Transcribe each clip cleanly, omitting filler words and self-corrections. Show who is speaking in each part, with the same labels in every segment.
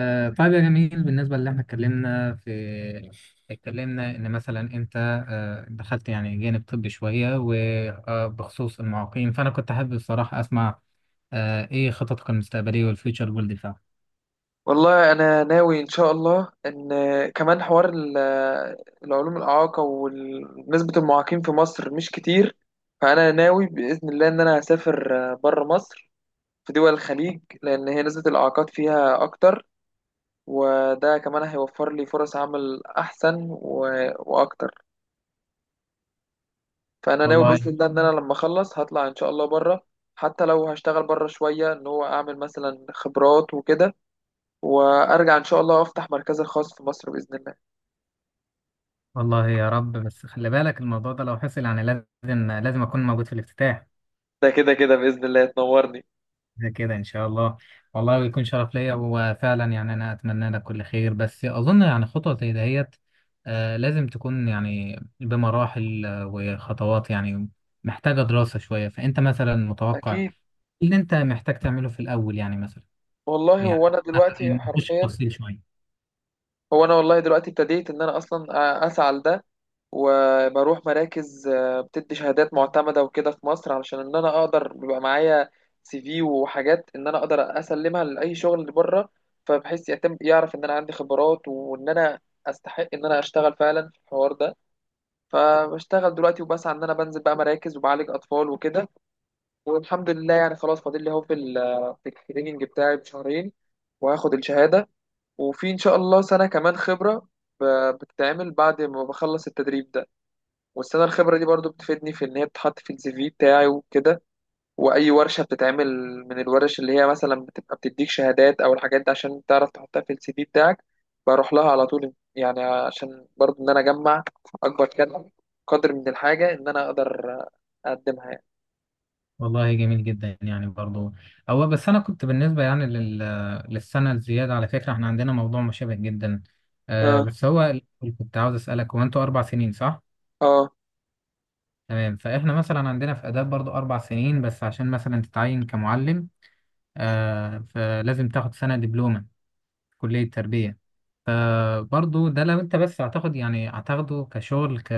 Speaker 1: طيب يا جميل، بالنسبة اللي احنا اتكلمنا في ان مثلا انت دخلت يعني جانب طبي شوية، وبخصوص المعاقين، فانا كنت حابب الصراحة اسمع ايه خططك المستقبلية والفيوتشر جول بتاعك.
Speaker 2: والله انا ناوي ان شاء الله ان كمان حوار العلوم الاعاقه ونسبه المعاقين في مصر مش كتير. فانا ناوي باذن الله ان انا هسافر بره مصر في دول الخليج لان هي نسبه الاعاقات فيها اكتر. وده كمان هيوفر لي فرص عمل احسن و- واكتر. فانا ناوي
Speaker 1: والله.
Speaker 2: باذن الله ان انا لما اخلص هطلع ان شاء الله بره حتى لو هشتغل بره شويه ان هو اعمل مثلا خبرات وكده. وارجع ان شاء الله افتح مركزي الخاص في مصر باذن الله.
Speaker 1: والله يا رب، بس خلي بالك الموضوع ده لو حصل يعني لازم لازم اكون موجود في الافتتاح.
Speaker 2: ده كده كده بإذن الله تنورني.
Speaker 1: ده كده ان شاء الله. والله بيكون شرف ليا، وفعلا يعني انا اتمنى لك كل خير، بس اظن يعني خطوه زي دهيت لازم تكون يعني بمراحل وخطوات يعني، محتاجه دراسه شويه. فانت مثلا متوقع إيه
Speaker 2: أكيد.
Speaker 1: اللي انت محتاج تعمله في الاول؟ يعني مثلا،
Speaker 2: والله
Speaker 1: يعني
Speaker 2: هو أنا دلوقتي
Speaker 1: نخش في
Speaker 2: حرفيا.
Speaker 1: تفصيل شويه.
Speaker 2: هو أنا والله دلوقتي ابتديت إن أنا أصلا أسعى لده. وبروح مراكز بتدي شهادات معتمدة وكده في مصر علشان إن أنا أقدر بيبقى معايا سي في وحاجات إن أنا أقدر أسلمها لأي شغل اللي بره. فبحيث يتم يعرف إن أنا عندي خبرات وإن أنا أستحق إن أنا أشتغل فعلا في الحوار ده. فبشتغل دلوقتي وبسعى إن أنا بنزل بقى مراكز وبعالج أطفال وكده. والحمد لله يعني خلاص فاضل لي اهو في ال في التريننج بتاعي بشهرين. وهاخد الشهادة. وفي إن شاء الله سنة كمان خبرة ب- بتتعمل بعد ما بخلص التدريب ده. والسنة الخبرة دي برضو بتفيدني في إن هي بتتحط في السي في بتاعي وكده. وأي ورشة بتتعمل من الورش اللي هي مثلا بتبقى بتديك شهادات أو الحاجات دي عشان تعرف تحطها في السي في بتاعك. بروح لها على طول يعني عشان برضو إن أنا أجمع أكبر قدر من الحاجة إن أنا أقدر أقدمها يعني.
Speaker 1: والله جميل جدا يعني برضو. هو بس انا كنت بالنسبه يعني لل... للسنه الزياده، على فكره احنا عندنا موضوع مشابه جدا،
Speaker 2: آه.
Speaker 1: بس هو كنت عاوز اسالك، هو انتوا اربع سنين صح؟
Speaker 2: آه.
Speaker 1: تمام، فاحنا مثلا عندنا في آداب برضو أربع سنين، بس عشان مثلا تتعين كمعلم فلازم تاخد سنة دبلومة في كلية تربية. فبرضو ده لو أنت بس هتاخد يعني هتاخده كشغل، ك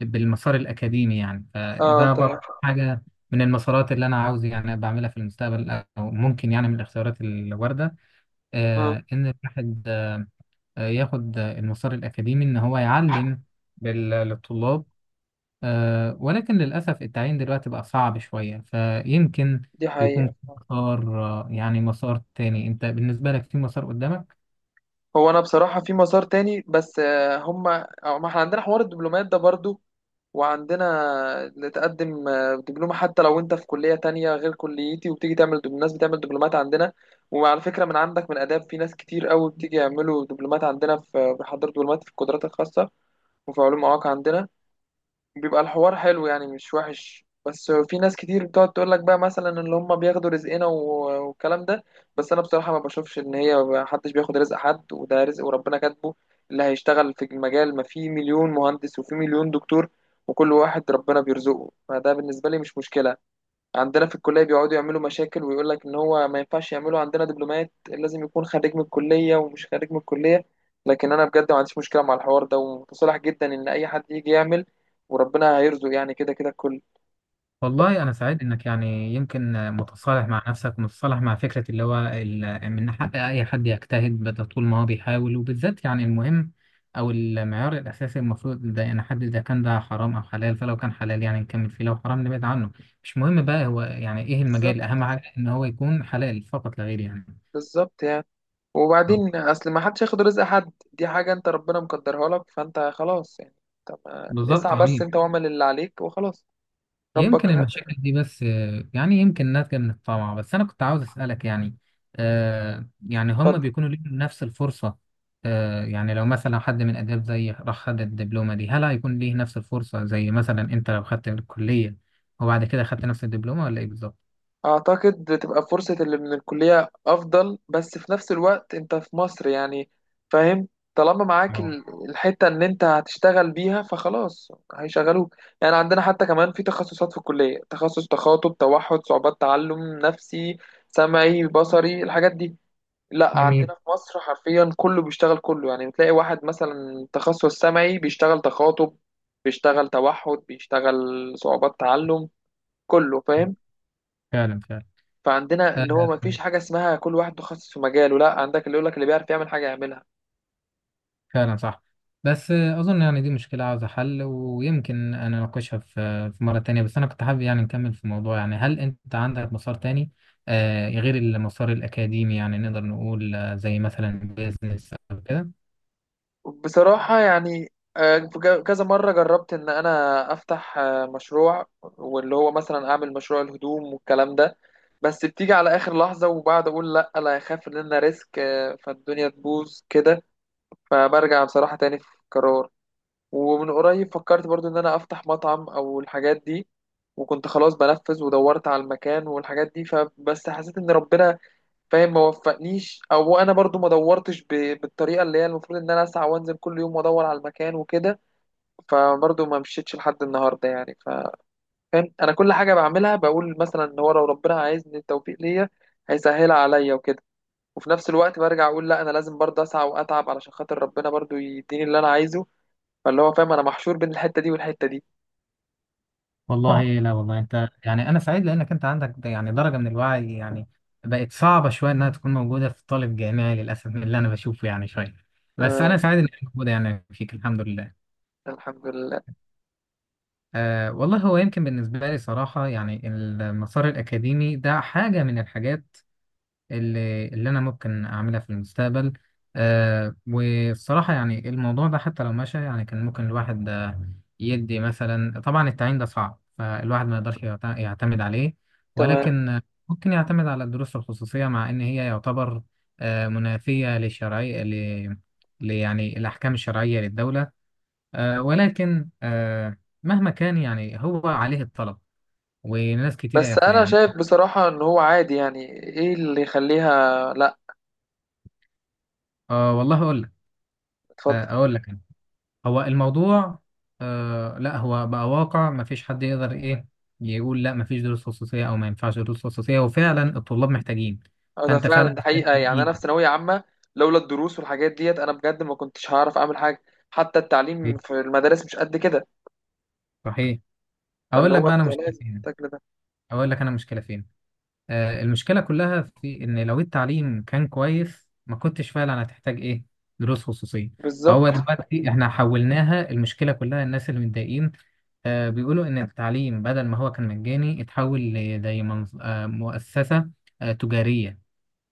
Speaker 1: بالمسار الأكاديمي يعني،
Speaker 2: آه
Speaker 1: فده برضو
Speaker 2: طبعا.
Speaker 1: حاجة من المسارات اللي أنا عاوز يعني بعملها في المستقبل، أو ممكن يعني من الاختيارات الواردة
Speaker 2: اه.
Speaker 1: إن الواحد ياخد المسار الأكاديمي إن هو يعلم بال- للطلاب. ولكن للأسف التعيين دلوقتي بقى صعب شوية، فيمكن
Speaker 2: دي
Speaker 1: يكون
Speaker 2: حقيقة.
Speaker 1: في مسار، يعني مسار تاني. أنت بالنسبة لك في مسار قدامك؟
Speaker 2: هو أنا بصراحة في مسار تاني بس هما أو ما احنا عندنا حوار الدبلومات ده برضو. وعندنا اللي تقدم دبلومة حتى لو أنت في كلية تانية غير كليتي وبتيجي تعمل الناس بتعمل دبلومات عندنا. وعلى فكرة من عندك من آداب في ناس كتير قوي بتيجي يعملوا دبلومات عندنا في بيحضروا دبلومات في القدرات الخاصة. وفي علوم مواقع عندنا. بيبقى الحوار حلو يعني مش وحش بس في ناس كتير بتقعد تقول لك بقى مثلا ان هم بياخدوا رزقنا و- والكلام ده. بس انا بصراحة ما بشوفش ان هي ما حدش بياخد رزق حد وده رزق وربنا كاتبه. اللي هيشتغل في المجال ما في مليون مهندس وفي مليون دكتور وكل واحد ربنا بيرزقه فده بالنسبة لي مش مشكلة. عندنا في الكلية بيقعدوا يعملوا مشاكل ويقول لك إن هو ما ينفعش يعملوا عندنا دبلومات لازم يكون خريج من الكلية ومش خريج من الكلية. لكن أنا بجد ما عنديش مشكلة مع الحوار ده ومتصالح جدا إن أي حد يجي يعمل. وربنا هيرزق يعني كده كده الكل.
Speaker 1: والله أنا سعيد إنك يعني يمكن متصالح مع نفسك، ومتصالح مع فكرة اللي هو ال- إن حق أي حد يجتهد، بدل طول ما هو بيحاول. وبالذات يعني المهم أو المعيار الأساسي المفروض ده، يعني حد إذا كان ده حرام أو حلال، فلو كان حلال يعني نكمل فيه، لو حرام نبعد عنه. مش مهم بقى هو يعني إيه
Speaker 2: بالظبط.
Speaker 1: المجال، أهم حاجة إن هو يكون حلال فقط لا غير يعني.
Speaker 2: بالظبط يعني. وبعدين أصل ما حدش ياخد رزق حد دي حاجة أنت ربنا مقدرها لك فأنت خلاص يعني. طب.
Speaker 1: بالظبط،
Speaker 2: اسعى بس
Speaker 1: جميل.
Speaker 2: أنت واعمل اللي عليك وخلاص.
Speaker 1: يمكن
Speaker 2: ربك.
Speaker 1: المشاكل دي بس يعني يمكن ناتجة من الطمع. بس أنا كنت عاوز أسألك يعني، يعني هم
Speaker 2: اتفضل.
Speaker 1: بيكونوا ليهم نفس الفرصة؟ يعني لو مثلا حد من آداب زي راح خد الدبلومة دي، هل هيكون ليه نفس الفرصة زي مثلا أنت لو خدت الكلية وبعد كده خدت نفس الدبلومة، ولا إيه بالظبط؟
Speaker 2: أعتقد تبقى فرصة اللي من الكلية أفضل بس في نفس الوقت أنت في مصر يعني. فاهم. طالما معاك
Speaker 1: اه،
Speaker 2: الحتة إن أنت هتشتغل بيها فخلاص هيشغلوك. يعني عندنا حتى كمان في تخصصات في الكلية تخصص تخاطب توحد صعوبات تعلم نفسي سمعي بصري الحاجات دي. لا
Speaker 1: جميل.
Speaker 2: عندنا في مصر حرفيا كله بيشتغل كله يعني بتلاقي واحد مثلا تخصص سمعي بيشتغل تخاطب بيشتغل توحد بيشتغل صعوبات تعلم كله فاهم.
Speaker 1: فعلا، فعلا.
Speaker 2: فعندنا
Speaker 1: آه
Speaker 2: اللي هو ما فيش حاجة اسمها كل واحد متخصص في مجاله لا عندك اللي يقولك اللي بيعرف يعمل حاجة يعملها.
Speaker 1: فعلا صح. بس اظن يعني دي مشكله عاوزه حل، ويمكن انا اناقشها في مره تانية. بس انا كنت حابب يعني نكمل في الموضوع. يعني هل انت عندك مسار تاني غير المسار الاكاديمي؟ يعني نقدر نقول زي مثلا بيزنس او كده.
Speaker 2: بصراحة يعني في كذا مرة جربت إن أنا أفتح مشروع واللي هو مثلا أعمل مشروع الهدوم والكلام ده. بس بتيجي على آخر لحظة وبعد أقول لأ لا أخاف إن أنا ريسك فالدنيا تبوظ كده. فبرجع بصراحة تاني في قرار. ومن قريب فكرت برضو إن أنا أفتح مطعم أو الحاجات دي. وكنت خلاص بنفذ ودورت على المكان والحاجات دي فبس حسيت إن ربنا فاهم ما وفقنيش او انا برضو ما دورتش بالطريقه اللي هي المفروض ان انا اسعى وانزل كل يوم وادور على المكان وكده. فبرضو ما مشيتش لحد النهارده يعني فاهم انا كل حاجه بعملها بقول مثلا ان هو لو ربنا عايزني التوفيق ليا هيسهلها عليا وكده. وفي نفس الوقت برجع اقول لا انا لازم برضو اسعى واتعب علشان خاطر ربنا برضو يديني اللي انا عايزه. فاللي هو فاهم انا محشور بين الحته دي والحته دي. اه.
Speaker 1: والله لا والله، انت يعني، انا سعيد لانك انت عندك د- يعني درجه من الوعي، يعني بقت صعبه شويه انها تكون موجوده في طالب جامعي للاسف، من اللي انا بشوفه يعني شويه. بس
Speaker 2: آه.
Speaker 1: انا سعيد انك موجوده يعني فيك، الحمد لله.
Speaker 2: الحمد لله.
Speaker 1: أه والله، هو يمكن بالنسبة لي صراحة يعني المسار الأكاديمي ده حاجة من الحاجات اللي أنا ممكن أعملها في المستقبل. أه، والصراحة يعني الموضوع ده حتى لو مشى يعني، كان ممكن الواحد يدي مثلا. طبعا التعيين ده صعب، فالواحد ما يقدرش يعتمد عليه،
Speaker 2: تمام.
Speaker 1: ولكن ممكن يعتمد على الدروس الخصوصية، مع إن هي يعتبر منافية للشرعية، ل يعني الأحكام الشرعية للدولة، ولكن مهما كان يعني هو عليه الطلب، وناس كتير
Speaker 2: بس انا
Speaker 1: يعني.
Speaker 2: شايف بصراحه ان هو عادي يعني ايه اللي يخليها لا.
Speaker 1: والله اقول لك،
Speaker 2: اتفضل.
Speaker 1: اقول لك أنا. هو الموضوع لا، هو بقى واقع، ما فيش حد يقدر ايه، يقول لا ما فيش دروس خصوصية، او ما ينفعش دروس خصوصية، وفعلا الطلاب محتاجين،
Speaker 2: اه ده
Speaker 1: فانت
Speaker 2: فعلا
Speaker 1: فعلا
Speaker 2: ده
Speaker 1: محتاج.
Speaker 2: حقيقة يعني أنا في ثانوية عامة. لولا الدروس والحاجات ديت أنا بجد ما كنتش هعرف أعمل حاجة. حتى التعليم
Speaker 1: ايه،
Speaker 2: في المدارس مش قد كده.
Speaker 1: صحيح.
Speaker 2: فاللي
Speaker 1: اقول لك
Speaker 2: هو
Speaker 1: بقى انا
Speaker 2: أنت
Speaker 1: مشكلة
Speaker 2: لازم
Speaker 1: فين،
Speaker 2: تاكل ده.
Speaker 1: اقول لك انا مشكلة فين. المشكلة كلها في إن لو التعليم كان كويس، ما كنتش فعلا هتحتاج إيه، دروس خصوصية.
Speaker 2: بالظبط.
Speaker 1: فهو دلوقتي إحنا حولناها، المشكلة كلها الناس اللي متضايقين بيقولوا إن التعليم بدل ما هو كان مجاني اتحول لزي مؤسسة تجارية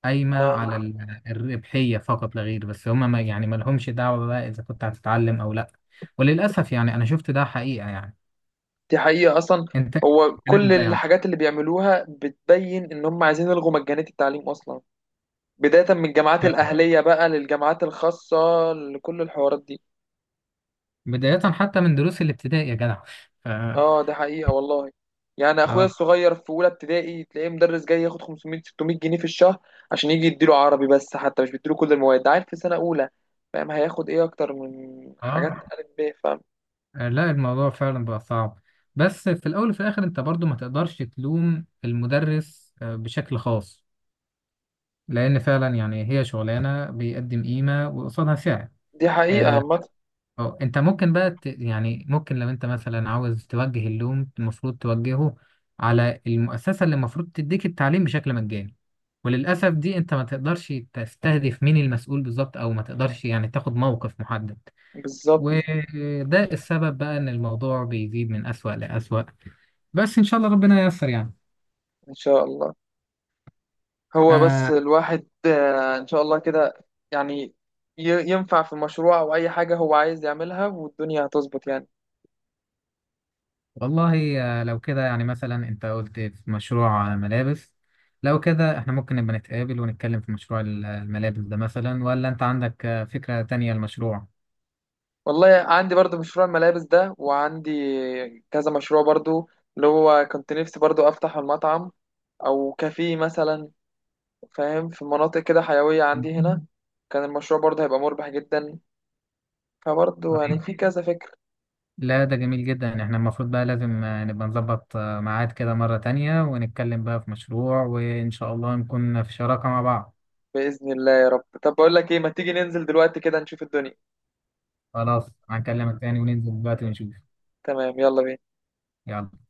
Speaker 1: قايمة على
Speaker 2: آه،
Speaker 1: ال- الربحية فقط لا غير، بس هما ما يعني ما لهمش دعوة بقى إذا كنت هتتعلم أو لأ. وللأسف يعني أنا شفت ده حقيقة يعني.
Speaker 2: دي حقيقة أصلا.
Speaker 1: أنت
Speaker 2: هو كل
Speaker 1: الكلام ده يعني
Speaker 2: الحاجات اللي بيعملوها بتبين إن هم عايزين يلغوا مجانية التعليم أصلا. بداية من الجامعات الأهلية بقى للجامعات الخاصة لكل الحوارات دي.
Speaker 1: بداية حتى من دروس الابتدائي يا جدع.
Speaker 2: اه ده حقيقة والله. يعني اخويا
Speaker 1: اه،
Speaker 2: الصغير في اولى ابتدائي تلاقيه مدرس جاي ياخد 500 600 جنيه في الشهر عشان يجي يديله عربي بس حتى مش بيديله كل المواد ده عارف في سنة اولى. فاهم هياخد ايه اكتر من
Speaker 1: اه.
Speaker 2: حاجات الف ب فاهم.
Speaker 1: لا، الموضوع فعلا بقى صعب. بس في الاول وفي الاخر انت برضو ما تقدرش تلوم المدرس بشكل خاص، لان فعلا يعني هي شغلانه بيقدم قيمه، وقصادها سعر.
Speaker 2: دي حقيقة
Speaker 1: آه.
Speaker 2: عامة.
Speaker 1: انت ممكن بقى ت... يعني ممكن لو انت مثلا عاوز توجه اللوم، المفروض توجهه على المؤسسه اللي المفروض تديك التعليم بشكل مجاني. وللاسف دي، انت ما تقدرش تستهدف مين المسؤول بالظبط، او ما تقدرش يعني تاخد موقف محدد.
Speaker 2: بالظبط.
Speaker 1: وده السبب بقى ان الموضوع بيزيد من أسوأ لأسوأ. بس ان شاء الله ربنا ييسر يعني.
Speaker 2: ان شاء الله. هو بس
Speaker 1: آه،
Speaker 2: الواحد ان شاء الله كده يعني ينفع في مشروع او اي حاجة هو عايز يعملها والدنيا هتظبط يعني.
Speaker 1: والله. لو كده يعني مثلا انت قلت في مشروع ملابس، لو كده احنا ممكن نبقى نتقابل ونتكلم في مشروع ال- الملابس ده مثلا، ولا انت عندك فكرة تانية للمشروع؟
Speaker 2: والله عندي برضو مشروع الملابس ده وعندي كذا مشروع برضو اللي هو كنت نفسي برضو افتح المطعم او كافيه مثلا. فاهم في مناطق كده حيوية
Speaker 1: مم.
Speaker 2: عندي هنا كان المشروع برضو هيبقى مربح جدا. فبرضو يعني
Speaker 1: طيب،
Speaker 2: في كذا فكر.
Speaker 1: لا ده جميل جدا. احنا المفروض بقى لازم نبقى نظبط ميعاد كده مرة تانية، ونتكلم بقى في مشروع، وان شاء الله نكون في شراكة مع بعض.
Speaker 2: بإذن الله يا رب طب بقول لك ايه ما تيجي ننزل دلوقتي كده نشوف الدنيا.
Speaker 1: خلاص، هنكلمك تاني وننزل دلوقتي ونشوف.
Speaker 2: تمام يلا بينا.
Speaker 1: يلا.